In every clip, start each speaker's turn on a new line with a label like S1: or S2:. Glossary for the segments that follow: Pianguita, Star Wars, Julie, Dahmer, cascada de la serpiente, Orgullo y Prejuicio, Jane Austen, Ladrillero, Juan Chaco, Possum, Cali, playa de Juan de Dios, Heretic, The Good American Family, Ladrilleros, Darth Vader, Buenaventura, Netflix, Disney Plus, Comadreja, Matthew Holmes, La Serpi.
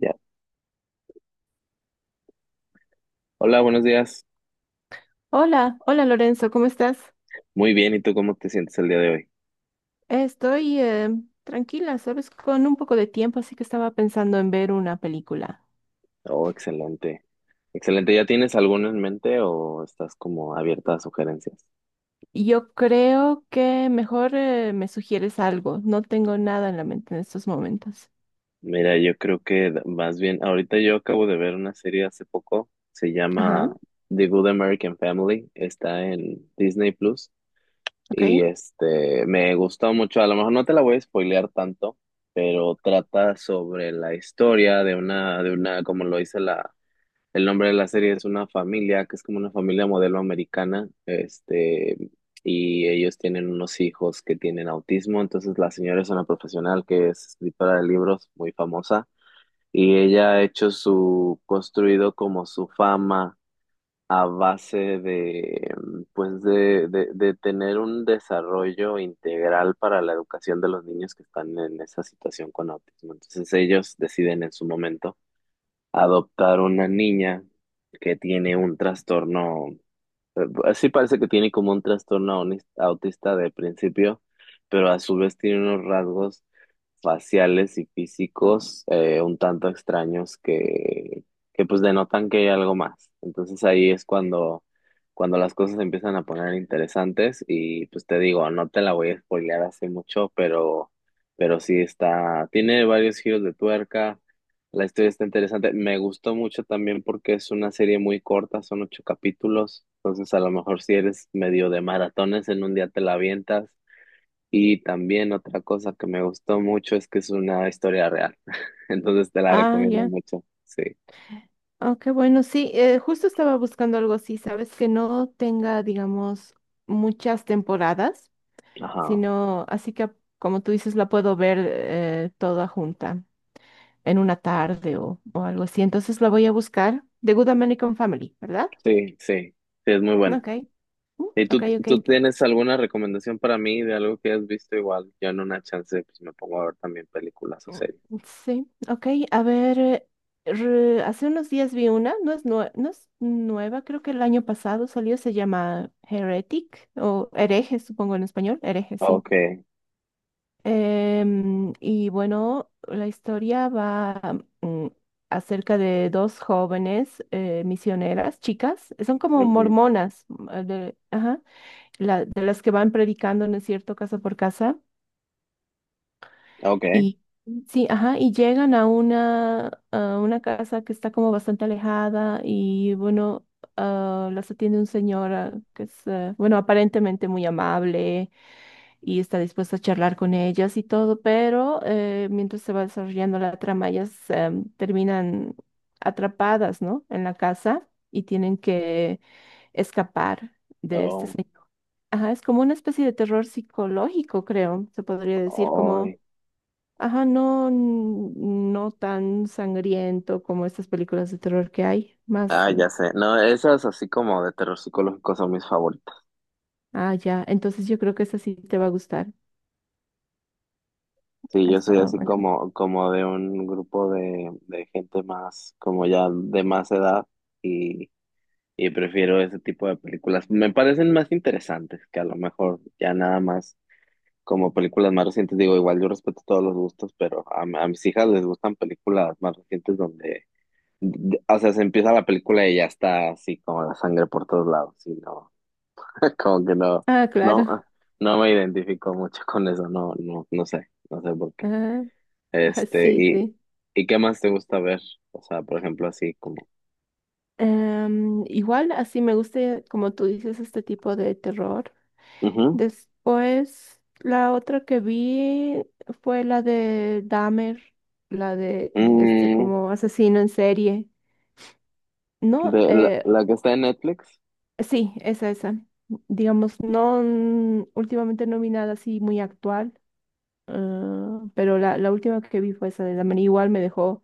S1: Ya. Hola, buenos días.
S2: Hola, hola Lorenzo, ¿cómo estás?
S1: Muy bien, ¿y tú cómo te sientes el día de hoy?
S2: Estoy tranquila, sabes, con un poco de tiempo, así que estaba pensando en ver una película.
S1: Oh, excelente. Excelente. ¿Ya tienes alguno en mente o estás como abierta a sugerencias?
S2: Yo creo que mejor me sugieres algo, no tengo nada en la mente en estos momentos.
S1: Mira, yo creo que más bien, ahorita yo acabo de ver una serie hace poco, se
S2: Ajá,
S1: llama The Good American Family, está en Disney Plus y
S2: ok.
S1: me gustó mucho, a lo mejor no te la voy a spoilear tanto, pero trata sobre la historia de una como lo dice la. El nombre de la serie es una familia, que es como una familia modelo americana, y ellos tienen unos hijos que tienen autismo. Entonces la señora es una profesional que es escritora de libros muy famosa, y ella ha hecho su, construido como su fama a base de, pues de tener un desarrollo integral para la educación de los niños que están en esa situación con autismo. Entonces ellos deciden en su momento adoptar una niña que tiene un trastorno, así parece que tiene como un trastorno autista de principio, pero a su vez tiene unos rasgos faciales y físicos un tanto extraños que pues denotan que hay algo más. Entonces ahí es cuando, cuando las cosas se empiezan a poner interesantes y pues te digo, no te la voy a spoilear hace mucho, pero sí está, tiene varios giros de tuerca, la historia está interesante, me gustó mucho también porque es una serie muy corta, son 8 capítulos. Entonces a lo mejor si eres medio de maratones en un día te la avientas. Y también otra cosa que me gustó mucho es que es una historia real. Entonces te la
S2: Ah,
S1: recomiendo
S2: ya.
S1: mucho. Sí.
S2: Ah, qué bueno, sí, justo estaba buscando algo así, sabes, que no tenga, digamos, muchas temporadas,
S1: Ajá.
S2: sino así que, como tú dices, la puedo ver toda junta en una tarde o algo así. Entonces la voy a buscar. The Good American Family, ¿verdad?
S1: Sí, sí. Sí, es muy buena.
S2: Ok. Mm,
S1: ¿Y
S2: ok,
S1: tú,
S2: ok.
S1: tienes alguna recomendación para mí de algo que has visto igual? Yo en una chance pues me pongo a ver también películas o
S2: Mm,
S1: series.
S2: sí, ok. A ver, hace unos días vi una, no es, no es nueva, creo que el año pasado salió, se llama Heretic o Hereje, supongo en español, Hereje, sí.
S1: Okay.
S2: Y bueno, la historia va acerca de dos jóvenes misioneras, chicas, son como
S1: Ujú.
S2: mormonas, mm, ajá, de las que van predicando, ¿no es cierto?, casa por casa.
S1: Okay.
S2: Y sí, ajá, y llegan a a una casa que está como bastante alejada y bueno, ah, las atiende un señor ah, que es, ah, bueno, aparentemente muy amable y está dispuesto a charlar con ellas y todo, pero mientras se va desarrollando la trama, ellas terminan atrapadas, ¿no? En la casa y tienen que escapar de este
S1: Oh,
S2: señor. Ajá, es como una especie de terror psicológico, creo, se podría decir, como...
S1: ay.
S2: Ajá, no, no tan sangriento como estas películas de terror que hay, más,
S1: Ah, ya sé. No, esas así como de terror psicológico son mis favoritas.
S2: ah, ya, entonces yo creo que esa sí te va a gustar.
S1: Sí,
S2: Ah,
S1: yo soy
S2: estaba
S1: así
S2: buena.
S1: como, como de un grupo de gente más, como ya de más edad y, y prefiero ese tipo de películas. Me parecen más interesantes que a lo mejor ya nada más como películas más recientes. Digo, igual yo respeto todos los gustos, pero a mis hijas les gustan películas más recientes donde, o sea, se empieza la película y ya está así como la sangre por todos lados. Y no, como que no,
S2: Ah, claro.
S1: no, no me identifico mucho con eso, no, no, no sé, no sé por qué.
S2: Ah, ah,
S1: Este,
S2: sí,
S1: y,
S2: sí.
S1: ¿Y qué más te gusta ver? O sea, por ejemplo, así como.
S2: Igual así me gusta, como tú dices, este tipo de terror.
S1: Ujú.
S2: Después, la otra que vi fue la de Dahmer, la de este
S1: Mm,
S2: como asesino en serie. No,
S1: de la que está en Netflix.
S2: sí, esa, esa. Digamos, no, mm, últimamente no vi nada así muy actual. Ah, pero la última que vi fue esa de Dahmer. Igual me dejó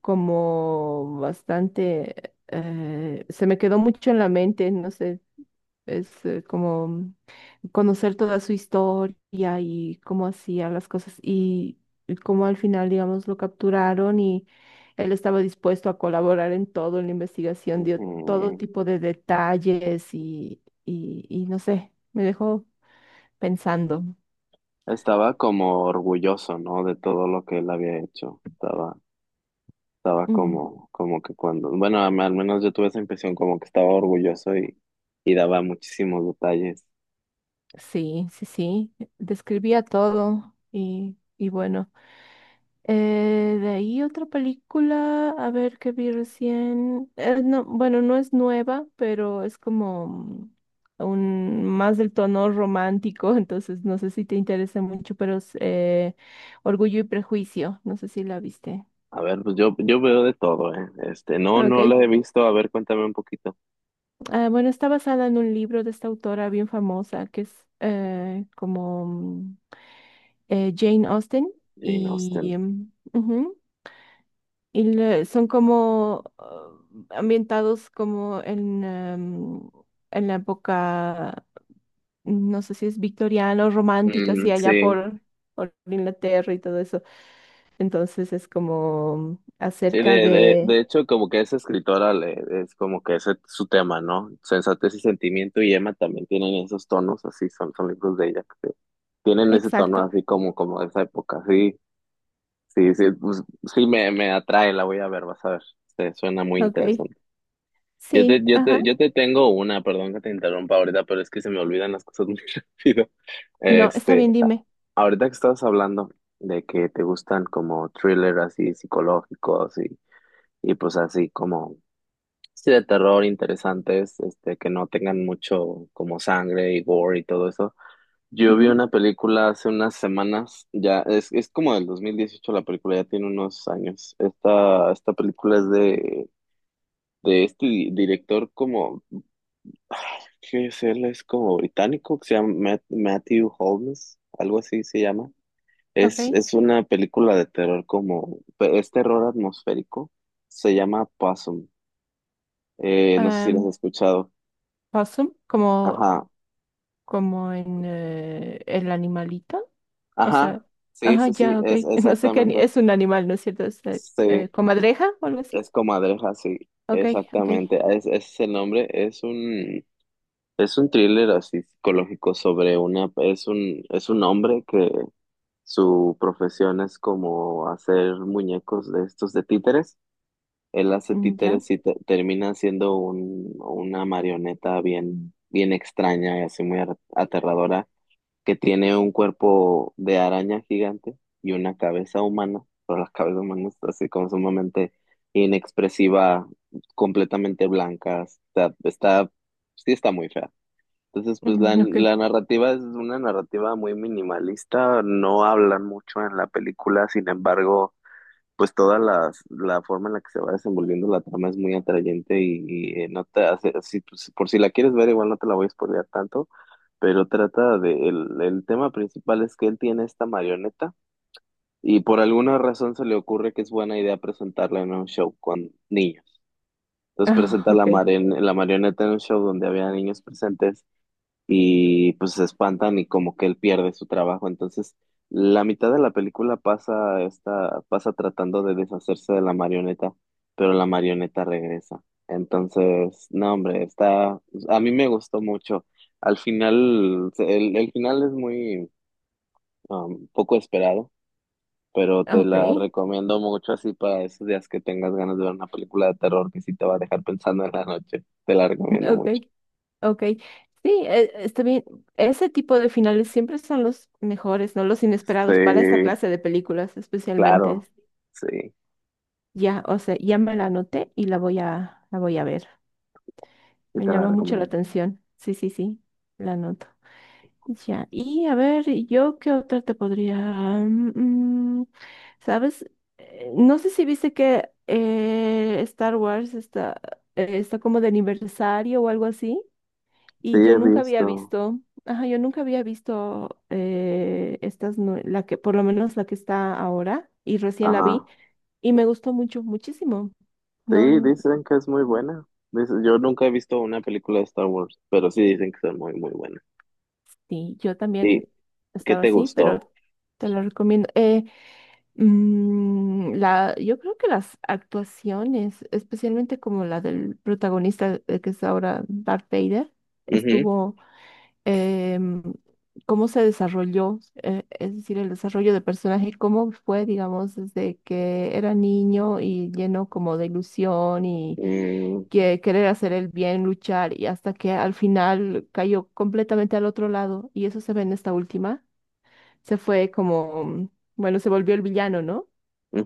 S2: como bastante, se me quedó mucho en la mente, no sé, es como conocer toda su historia y cómo hacía las cosas y cómo al final, digamos, lo capturaron y él estaba dispuesto a colaborar en todo, en la investigación, dio todo
S1: Ujú.
S2: tipo de detalles y, y no sé, me dejó pensando.
S1: Estaba como orgulloso, ¿no? De todo lo que él había hecho. Estaba, estaba
S2: Mm.
S1: como, como que cuando. Bueno, al menos yo tuve esa impresión como que estaba orgulloso y daba muchísimos detalles.
S2: Sí, sí, sí, describía todo y bueno, de ahí otra película, a ver qué vi recién, no, bueno, no es nueva, pero es como un, más del tono romántico, entonces no sé si te interesa mucho, pero es Orgullo y Prejuicio, no sé si la viste.
S1: A ver, pues yo veo de todo, ¿eh? No, no la
S2: Ok,
S1: he visto. A ver, cuéntame un poquito.
S2: ah, bueno, está basada en un libro de esta autora bien famosa que es como... Jane Austen
S1: Jane
S2: y,
S1: Austen.
S2: em, ujú, y son como ambientados como en, en la época, no sé si es victoriana o romántica, así
S1: Mm,
S2: allá
S1: sí.
S2: por Inglaterra y todo eso. Entonces es como
S1: Sí,
S2: acerca de...
S1: de hecho, como que esa escritora le, es como que ese es su tema, ¿no? Sensatez y sentimiento y Emma también tienen esos tonos, así son, son libros de ella que tienen ese tono
S2: Exacto,
S1: así como, como de esa época. Sí, sí, sí, pues, sí me atrae, la voy a ver, vas a ver. Suena muy
S2: ok.
S1: interesante.
S2: Sí, ajá.
S1: Yo te tengo una, perdón que te interrumpa ahorita, pero es que se me olvidan las cosas muy rápido.
S2: No, está
S1: Este,
S2: bien, dime.
S1: ahorita que estabas hablando de que te gustan como thrillers así psicológicos y pues así como. Sí, de terror interesantes, que no tengan mucho como sangre y gore y todo eso. Yo vi
S2: Ujú,
S1: una película hace unas semanas, ya es como del 2018 la película, ya tiene unos años. Esta película es de este director como, ay, ¿qué es él? Es como británico, que se llama Matthew Holmes, algo así se llama.
S2: ok.
S1: Es una película de terror como, es terror atmosférico, se llama Possum. No sé si la has
S2: Em,
S1: escuchado.
S2: possum, como,
S1: Ajá,
S2: como en el animalito. O sea,
S1: ajá, sí,
S2: ajá,
S1: sí, sí,
S2: ya, ok.
S1: es
S2: No sé qué
S1: exactamente.
S2: es un animal, ¿no es cierto? Es
S1: Sí,
S2: comadreja o algo así.
S1: es Comadreja, sí,
S2: Ok, ok.
S1: exactamente. Es, ese es el nombre, es un thriller así psicológico sobre una, es un hombre que su profesión es como hacer muñecos de estos de títeres. Él hace
S2: Mm, ya.
S1: títeres y termina siendo un, una marioneta bien, bien extraña y así muy aterradora que tiene un cuerpo de araña gigante y una cabeza humana, pero la cabeza humana está así como sumamente inexpresiva, completamente blanca, está, está, sí está muy fea. Entonces, pues la,
S2: Mm, ok.
S1: la narrativa es una narrativa muy minimalista, no hablan mucho en la película, sin embargo, pues toda la, la forma en la que se va desenvolviendo la trama es muy atrayente y, no te hace, si, pues, por si la quieres ver, igual no te la voy a spoilear tanto, pero trata de, el tema principal es que él tiene esta marioneta y por alguna razón se le ocurre que es buena idea presentarla en un show con niños. Entonces
S2: Ah,
S1: presenta la,
S2: ok.
S1: la marioneta en un show donde había niños presentes y pues se espantan y como que él pierde su trabajo. Entonces, la mitad de la película pasa esta, pasa tratando de deshacerse de la marioneta, pero la marioneta regresa. Entonces, no, hombre, está, a mí me gustó mucho. Al final, el final es muy poco esperado, pero te
S2: Ok.
S1: la recomiendo mucho así para esos días que tengas ganas de ver una película de terror que sí te va a dejar pensando en la noche. Te la recomiendo mucho.
S2: Ok. Ok. Sí, está bien. Ese tipo de finales siempre son los mejores, ¿no? Los inesperados para esta
S1: Sí,
S2: clase de películas, especialmente.
S1: claro, sí.
S2: Ya, o sea, ya me la anoté y la voy a ver.
S1: Y
S2: Me
S1: te la
S2: llama mucho la
S1: recomiendo.
S2: atención. Sí, sí, sí. La anoto. Ya, y a ver, yo qué otra te podría... mm, mm, ¿sabes? No sé si viste que Star Wars está, está como de aniversario o algo así,
S1: Sí,
S2: y yo
S1: he
S2: nunca había
S1: visto.
S2: visto, ajá, yo nunca había visto estas, la que, por lo menos la que está ahora, y recién la vi,
S1: Ajá.
S2: y me gustó mucho, muchísimo. No,
S1: Sí, dicen que es muy buena. Yo nunca he visto una película de Star Wars, pero sí dicen que son muy, muy buenas.
S2: sí, yo también
S1: ¿Y qué
S2: estaba
S1: te
S2: así, pero
S1: gustó?
S2: te lo recomiendo. La, yo creo que las actuaciones, especialmente como la del protagonista, que es ahora Darth Vader,
S1: Ujú,
S2: estuvo, em, cómo se desarrolló, es decir, el desarrollo del personaje, cómo fue, digamos, desde que era niño y lleno como de ilusión y
S1: mm,
S2: que querer hacer el bien, luchar, y hasta que al final cayó completamente al otro lado, y eso se ve en esta última, se fue como, mm, bueno, se volvió el villano, ¿no?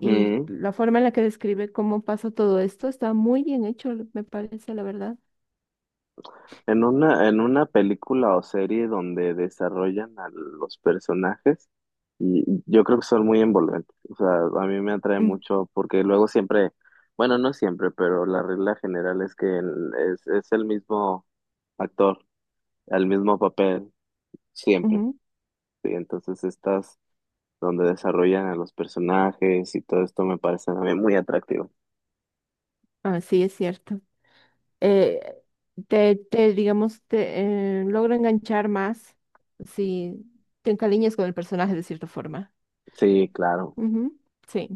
S2: Y la forma en la que describe cómo pasa todo esto está muy bien hecho, me parece, la verdad.
S1: En una película o serie donde desarrollan a los personajes, y yo creo que son muy envolventes. O sea, a mí me atrae
S2: Mm,
S1: mucho porque luego siempre, bueno, no siempre, pero la regla general es que es el mismo actor, el mismo papel. Siempre.
S2: ujú.
S1: Sí, entonces estas donde desarrollan a los personajes y todo esto me parece a mí muy atractivo.
S2: Ah, sí, es cierto. Eh, digamos, te logra enganchar más si te encariñas con el personaje de cierta forma.
S1: Sí, claro.
S2: Ujú, sí,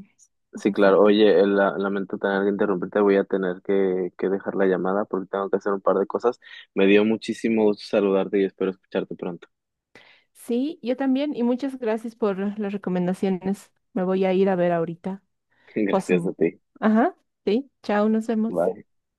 S1: Sí, claro.
S2: exacto.
S1: Oye, lamento tener que interrumpirte, voy a tener que dejar la llamada porque tengo que hacer un par de cosas. Me dio muchísimo gusto saludarte y espero escucharte pronto.
S2: Sí, yo también, y muchas gracias por las recomendaciones. Me voy a ir a ver ahorita.
S1: Gracias a
S2: Posum.
S1: ti.
S2: Ajá, sí, chao, nos vemos.
S1: Bye.